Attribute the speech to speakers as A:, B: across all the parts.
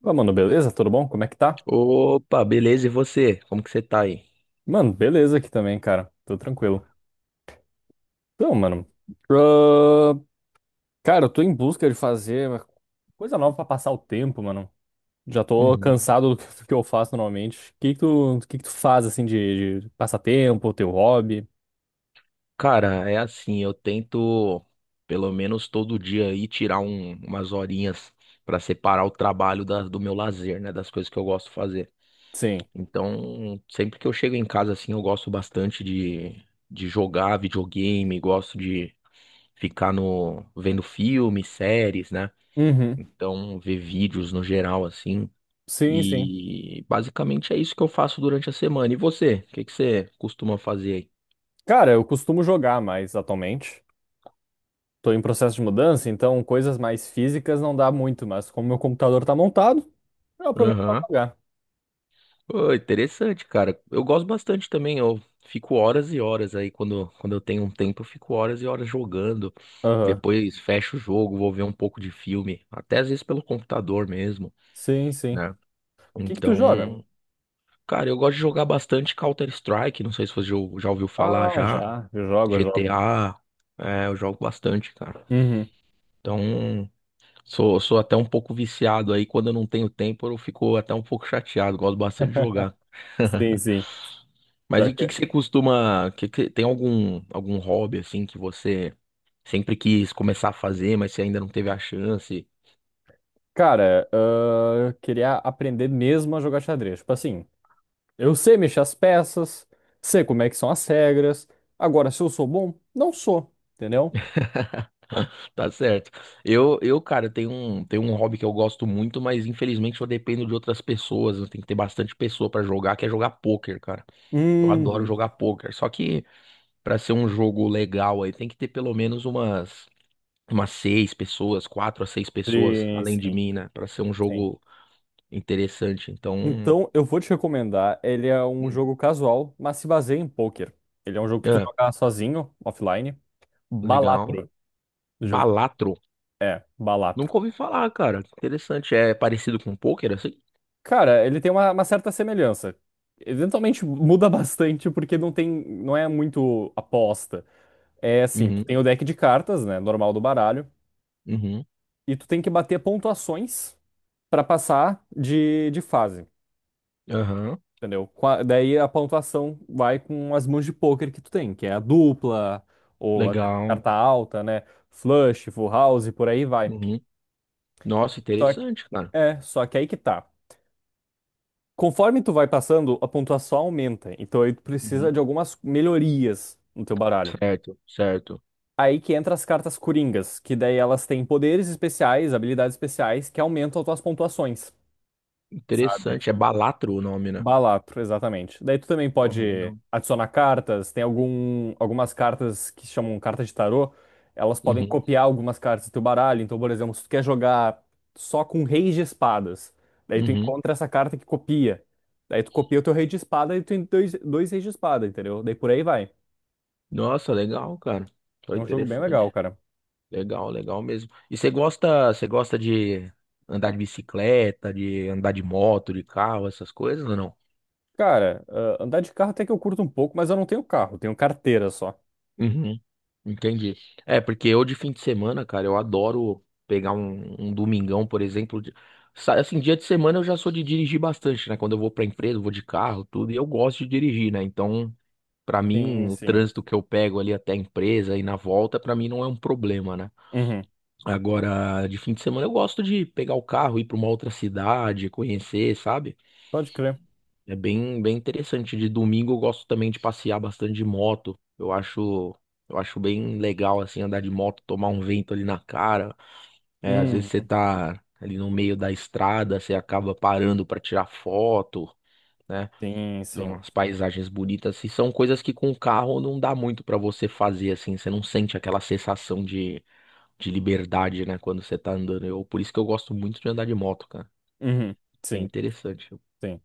A: Fala, mano, beleza? Tudo bom? Como é que tá?
B: Opa, beleza? E você? Como que você tá aí?
A: Mano, beleza aqui também, cara. Tô tranquilo. Então, mano, ah, cara, eu tô em busca de fazer uma coisa nova pra passar o tempo, mano. Já tô
B: Uhum.
A: cansado do que eu faço normalmente. O que que tu faz, assim, de passatempo, teu hobby?
B: Cara, é assim, eu tento pelo menos todo dia aí tirar umas horinhas pra separar o trabalho do meu lazer, né, das coisas que eu gosto de fazer.
A: Sim.
B: Então, sempre que eu chego em casa assim, eu gosto bastante de jogar videogame, gosto de ficar no vendo filmes, séries, né?
A: Uhum.
B: Então, ver vídeos no geral assim.
A: Sim, sim.
B: E basicamente é isso que eu faço durante a semana. E você? O que que você costuma fazer aí?
A: Cara, eu costumo jogar mais atualmente. Tô em processo de mudança, então coisas mais físicas não dá muito, mas como meu computador tá montado, eu aproveito pra
B: Aham.
A: jogar.
B: Pô, interessante, cara. Eu gosto bastante também. Eu fico horas e horas aí. Quando eu tenho um tempo, eu fico horas e horas jogando.
A: Aham.
B: Depois fecho o jogo, vou ver um pouco de filme. Até às vezes pelo computador mesmo,
A: Sim, sim.
B: né?
A: Que tu joga?
B: Então, cara, eu gosto de jogar bastante Counter-Strike. Não sei se você já ouviu falar
A: Ah,
B: já.
A: já, eu jogo.
B: GTA. É, eu jogo bastante, cara.
A: Uhum.
B: Então. Sou até um pouco viciado aí. Quando eu não tenho tempo, eu fico até um pouco chateado. Gosto bastante de jogar.
A: Sim, sim.
B: Mas e
A: Pior
B: o que que
A: que-
B: você costuma. Tem algum, algum hobby assim que você sempre quis começar a fazer, mas você ainda não teve a chance?
A: Cara, eu queria aprender mesmo a jogar xadrez. Tipo assim, eu sei mexer as peças, sei como é que são as regras. Agora, se eu sou bom, não sou, entendeu?
B: Tá certo. Cara, tenho um hobby que eu gosto muito, mas infelizmente eu dependo de outras pessoas. Eu tenho que ter bastante pessoa pra jogar, que é jogar pôquer, cara. Eu adoro
A: Uhum.
B: jogar pôquer. Só que pra ser um jogo legal aí, tem que ter pelo menos umas. Umas seis pessoas, quatro a seis pessoas,
A: Sim,
B: além de
A: sim,
B: mim, né? Pra ser um
A: sim.
B: jogo interessante. Então,
A: Então, eu vou te recomendar. Ele é um
B: hum,
A: jogo casual, mas se baseia em poker. Ele é um jogo que tu
B: é,
A: joga sozinho, offline.
B: legal.
A: Balatro. Já ouviu- falar?
B: Balatro.
A: É, Balatro.
B: Nunca ouvi falar, cara. Que interessante. É parecido com pôquer, assim?
A: Cara, ele tem uma certa semelhança. Eventualmente muda bastante porque não é muito aposta. É assim, tu
B: Uhum,
A: tem o deck de cartas, né, normal do baralho,
B: uhum,
A: e tu tem que bater pontuações pra passar de fase,
B: aham.
A: entendeu? Daí a pontuação vai com as mãos de pôquer que tu tem, que é a dupla ou a
B: Legal.
A: carta alta, né, flush, full house, e por aí vai.
B: Uhum. Nossa,
A: Só,
B: interessante, cara.
A: só que aí que tá. Conforme tu vai passando, a pontuação aumenta. Então aí tu precisa
B: Uhum.
A: de algumas melhorias no teu baralho.
B: Certo, certo.
A: Aí que entra as cartas coringas, que daí elas têm poderes especiais, habilidades especiais que aumentam as tuas pontuações, sabe?
B: Interessante. É Balatro o nome, né?
A: Balatro, exatamente. Daí tu também
B: Pô,
A: pode
B: legal.
A: adicionar cartas, tem algumas cartas que se chamam cartas de tarô, elas podem
B: Uhum,
A: copiar algumas cartas do teu baralho. Então, por exemplo, se tu quer jogar só com reis de espadas, daí tu
B: uhum.
A: encontra essa carta que copia. Daí tu copia o teu rei de espada e tu tem dois reis de espada, entendeu? Daí por aí vai.
B: Nossa, legal, cara.
A: É
B: Foi
A: um jogo bem legal,
B: interessante.
A: cara.
B: Legal, legal mesmo. E você gosta de andar de bicicleta, de andar de moto, de carro, essas coisas ou não?
A: Cara, andar de carro até que eu curto um pouco, mas eu não tenho carro, eu tenho carteira só.
B: Uhum. Entendi. É, porque eu de fim de semana, cara, eu adoro pegar um, um domingão, por exemplo. Assim, dia de semana eu já sou de dirigir bastante, né? Quando eu vou pra empresa, eu vou de carro, tudo, e eu gosto de dirigir, né? Então, pra
A: Sim,
B: mim, o
A: sim.
B: trânsito que eu pego ali até a empresa e na volta, pra mim não é um problema, né?
A: Uhum.
B: Agora, de fim de semana, eu gosto de pegar o carro, ir para uma outra cidade, conhecer, sabe?
A: Pode crer.
B: É bem, bem interessante. De domingo, eu gosto também de passear bastante de moto. Eu acho bem legal, assim, andar de moto, tomar um vento ali na cara. É, às vezes você
A: Uhum,
B: tá ali no meio da estrada, você acaba parando para tirar foto, né?
A: sim,
B: Ver
A: sim.
B: umas paisagens bonitas. E são coisas que com o carro não dá muito para você fazer, assim. Você não sente aquela sensação de liberdade, né, quando você tá andando. Eu, por isso que eu gosto muito de andar de moto, cara.
A: Uhum,
B: Bem
A: sim,
B: interessante.
A: sim.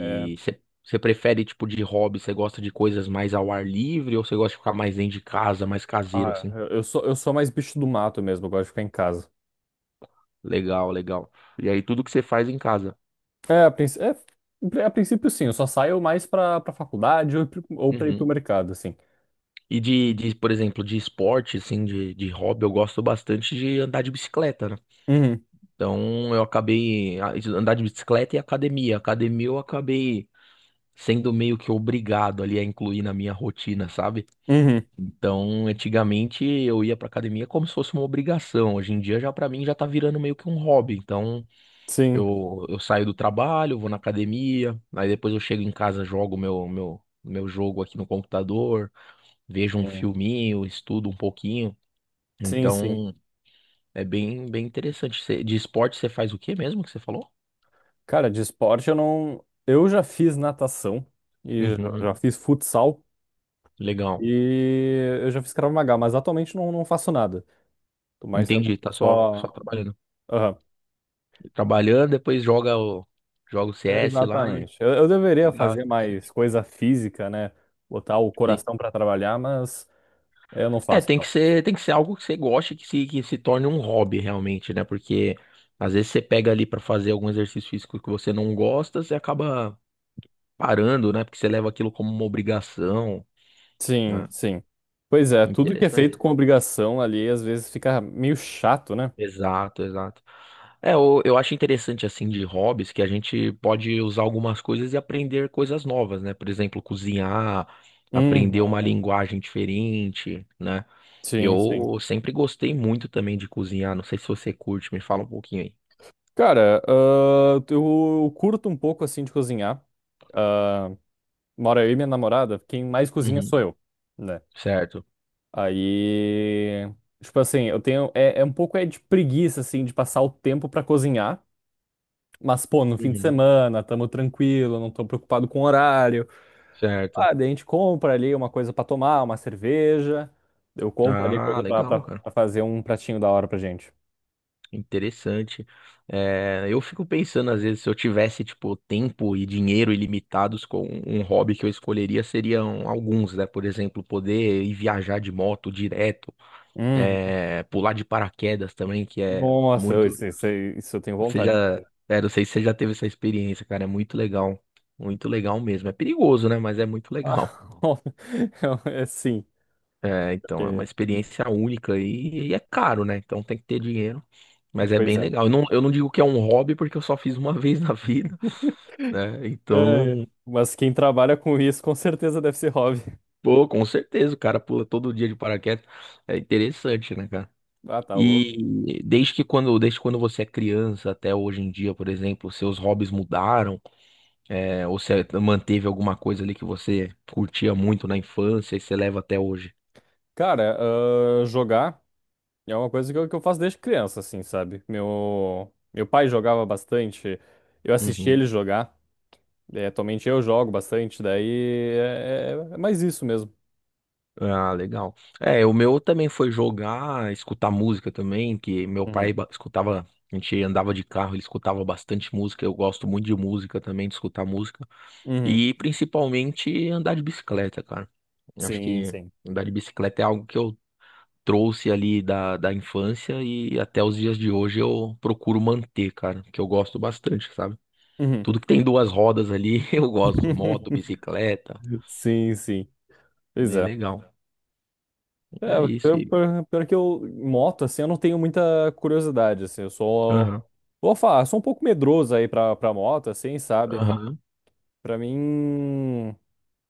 A: É,
B: você você prefere tipo de hobby? Você gosta de coisas mais ao ar livre ou você gosta de ficar mais dentro de casa, mais caseiro assim?
A: eu sou mais bicho do mato mesmo, eu gosto de ficar em casa.
B: Legal, legal. E aí tudo que você faz em casa.
A: É, a, princ- é, é, a princípio sim, eu só saio mais pra faculdade ou pra ir pro
B: Uhum.
A: mercado, assim.
B: E por exemplo, de esporte, assim, de hobby, eu gosto bastante de andar de bicicleta, né?
A: Uhum,
B: Então eu acabei andar de bicicleta e academia. Academia eu acabei sendo meio que obrigado ali a incluir na minha rotina, sabe?
A: uhum,
B: Então, antigamente eu ia pra academia como se fosse uma obrigação. Hoje em dia já pra mim já tá virando meio que um hobby. Então,
A: sim,
B: eu saio do trabalho, vou na academia, aí depois eu chego em casa, jogo meu jogo aqui no computador, vejo um
A: sim,
B: filminho, estudo um pouquinho.
A: sim, sim.
B: Então, é bem bem interessante. De esporte você faz o quê mesmo que você falou?
A: Cara, de esporte eu não... Eu já fiz natação e
B: Uhum,
A: já fiz futsal
B: legal.
A: e eu já fiz Krav Maga, mas atualmente não, não faço nada. Tô mais realmente
B: Entendi, tá só
A: só...
B: trabalhando. Trabalhando, depois joga o joga o CS lá e
A: Exatamente. Eu deveria
B: legal.
A: fazer mais coisa física, né? Botar o
B: Sim.
A: coração para trabalhar, mas eu não
B: É,
A: faço, não.
B: tem que ser algo que você goste, que se torne um hobby realmente, né? Porque às vezes você pega ali pra fazer algum exercício físico que você não gosta, você acaba parando, né? Porque você leva aquilo como uma obrigação,
A: Sim,
B: né?
A: sim. Pois é, tudo que é feito
B: Interessante.
A: com obrigação ali às vezes fica meio chato, né?
B: Exato, exato. É, eu acho interessante assim de hobbies que a gente pode usar algumas coisas e aprender coisas novas, né? Por exemplo, cozinhar,
A: Uhum.
B: aprender uma linguagem diferente, né?
A: Sim, sim.
B: Eu sempre gostei muito também de cozinhar. Não sei se você curte, me fala um pouquinho aí.
A: Cara, eu curto um pouco assim de cozinhar. Ah, mora eu e minha namorada, quem mais cozinha
B: Uhum.
A: sou eu, né?
B: Certo.
A: Aí, tipo assim, eu tenho é um pouco é de preguiça assim de passar o tempo pra cozinhar. Mas, pô, no fim de
B: Uhum.
A: semana, tamo tranquilo, não tô preocupado com o horário.
B: Certo.
A: Ah, daí a gente compra ali uma coisa pra tomar, uma cerveja. Eu compro ali
B: Ah,
A: coisa
B: legal, cara.
A: pra fazer um pratinho da hora pra gente.
B: Interessante. É, eu fico pensando, às vezes, se eu tivesse, tipo, tempo e dinheiro ilimitados com um hobby que eu escolheria, seriam alguns, né? Por exemplo, poder ir viajar de moto direto,
A: Hum,
B: é, pular de paraquedas também, que é
A: nossa,
B: muito.
A: isso eu tenho
B: Você
A: vontade de
B: já,
A: fazer.
B: é, não sei se você já teve essa experiência, cara, é muito legal. Muito legal mesmo. É perigoso, né? Mas é muito legal.
A: Ah, é sim,
B: É, então, é uma
A: porque-
B: experiência única e é caro, né? Então tem que ter dinheiro, mas é
A: pois
B: bem
A: é.
B: legal. Eu não digo que é um hobby porque eu só fiz uma vez na vida, né?
A: É,
B: Então,
A: mas quem trabalha com isso com certeza deve ser hobby.
B: pô, com certeza, o cara pula todo dia de paraquedas. É interessante, né, cara?
A: Ah, tá louco.
B: E desde quando você é criança até hoje em dia, por exemplo, seus hobbies mudaram, é, ou você manteve alguma coisa ali que você curtia muito na infância e você leva até hoje?
A: Cara, jogar. É uma coisa que eu faço desde criança, assim, sabe? Meu pai jogava bastante, eu assisti
B: Uhum.
A: ele jogar, é, atualmente eu jogo bastante, daí é mais isso mesmo.
B: Ah, legal. É, o meu também foi jogar, escutar música também, que meu
A: Uhum.
B: pai escutava, a gente andava de carro, ele escutava bastante música, eu gosto muito de música também, de escutar música.
A: Uhum.
B: E principalmente andar de bicicleta, cara. Eu acho
A: Sim,
B: que
A: sim.
B: andar de bicicleta é algo que eu trouxe ali da infância e até os dias de hoje eu procuro manter, cara, que eu gosto bastante, sabe?
A: Uhum.
B: Tudo que tem duas rodas ali, eu gosto, moto, bicicleta,
A: Sim, sim. Pois
B: bem
A: é.
B: legal.
A: É,
B: É isso e...
A: pior que eu, moto, assim, eu não tenho muita curiosidade, assim, eu sou,
B: Aham.
A: vou falar, sou um pouco medroso aí pra moto, assim, sabe?
B: Aham.
A: Pra mim.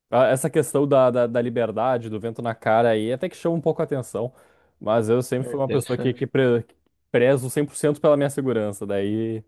A: Ah, essa questão da liberdade, do vento na cara aí, até que chama um pouco a atenção. Mas eu sempre
B: É
A: fui uma pessoa
B: interessante.
A: que prezo 100% pela minha segurança. Daí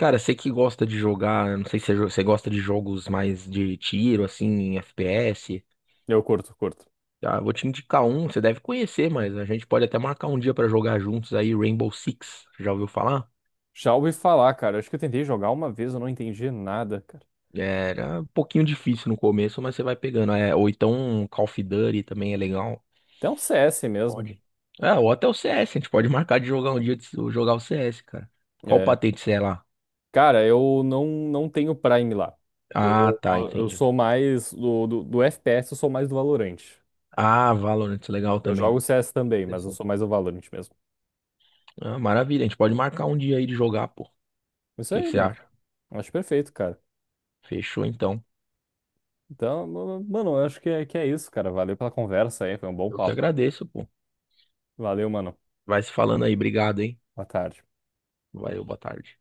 B: Cara, você que gosta de jogar, não sei se você você gosta de jogos mais de tiro, assim, FPS.
A: eu curto, curto.
B: Tá, vou te indicar um, você deve conhecer, mas a gente pode até marcar um dia pra jogar juntos aí, Rainbow Six. Já ouviu falar?
A: Já ouvi falar, cara. Acho que eu tentei jogar uma vez, eu não entendi nada, cara.
B: Era um pouquinho difícil no começo, mas você vai pegando. É, ou então Call of Duty também é legal.
A: Até um CS mesmo.
B: Pode. É, ou até o CS, a gente pode marcar de jogar um dia de se- jogar o CS, cara. Qual
A: É.
B: patente você é lá?
A: Cara, eu não, não tenho Prime lá. Eu,
B: Ah, tá,
A: eu
B: entendi.
A: sou mais do, do FPS, eu sou mais do Valorant.
B: Ah, Valorant, legal
A: Eu
B: também.
A: jogo CS também, mas eu sou mais do Valorant mesmo.
B: Ah, maravilha, a gente pode marcar um dia aí de jogar, pô. O
A: Isso
B: que que
A: aí,
B: você
A: mano.
B: acha?
A: Acho perfeito, cara.
B: Fechou então.
A: Então, mano, eu acho que é isso, cara. Valeu pela conversa aí, foi um bom
B: Eu que
A: papo.
B: agradeço, pô.
A: Valeu, mano.
B: Vai se falando aí, obrigado, hein?
A: Boa tarde.
B: Valeu, boa tarde.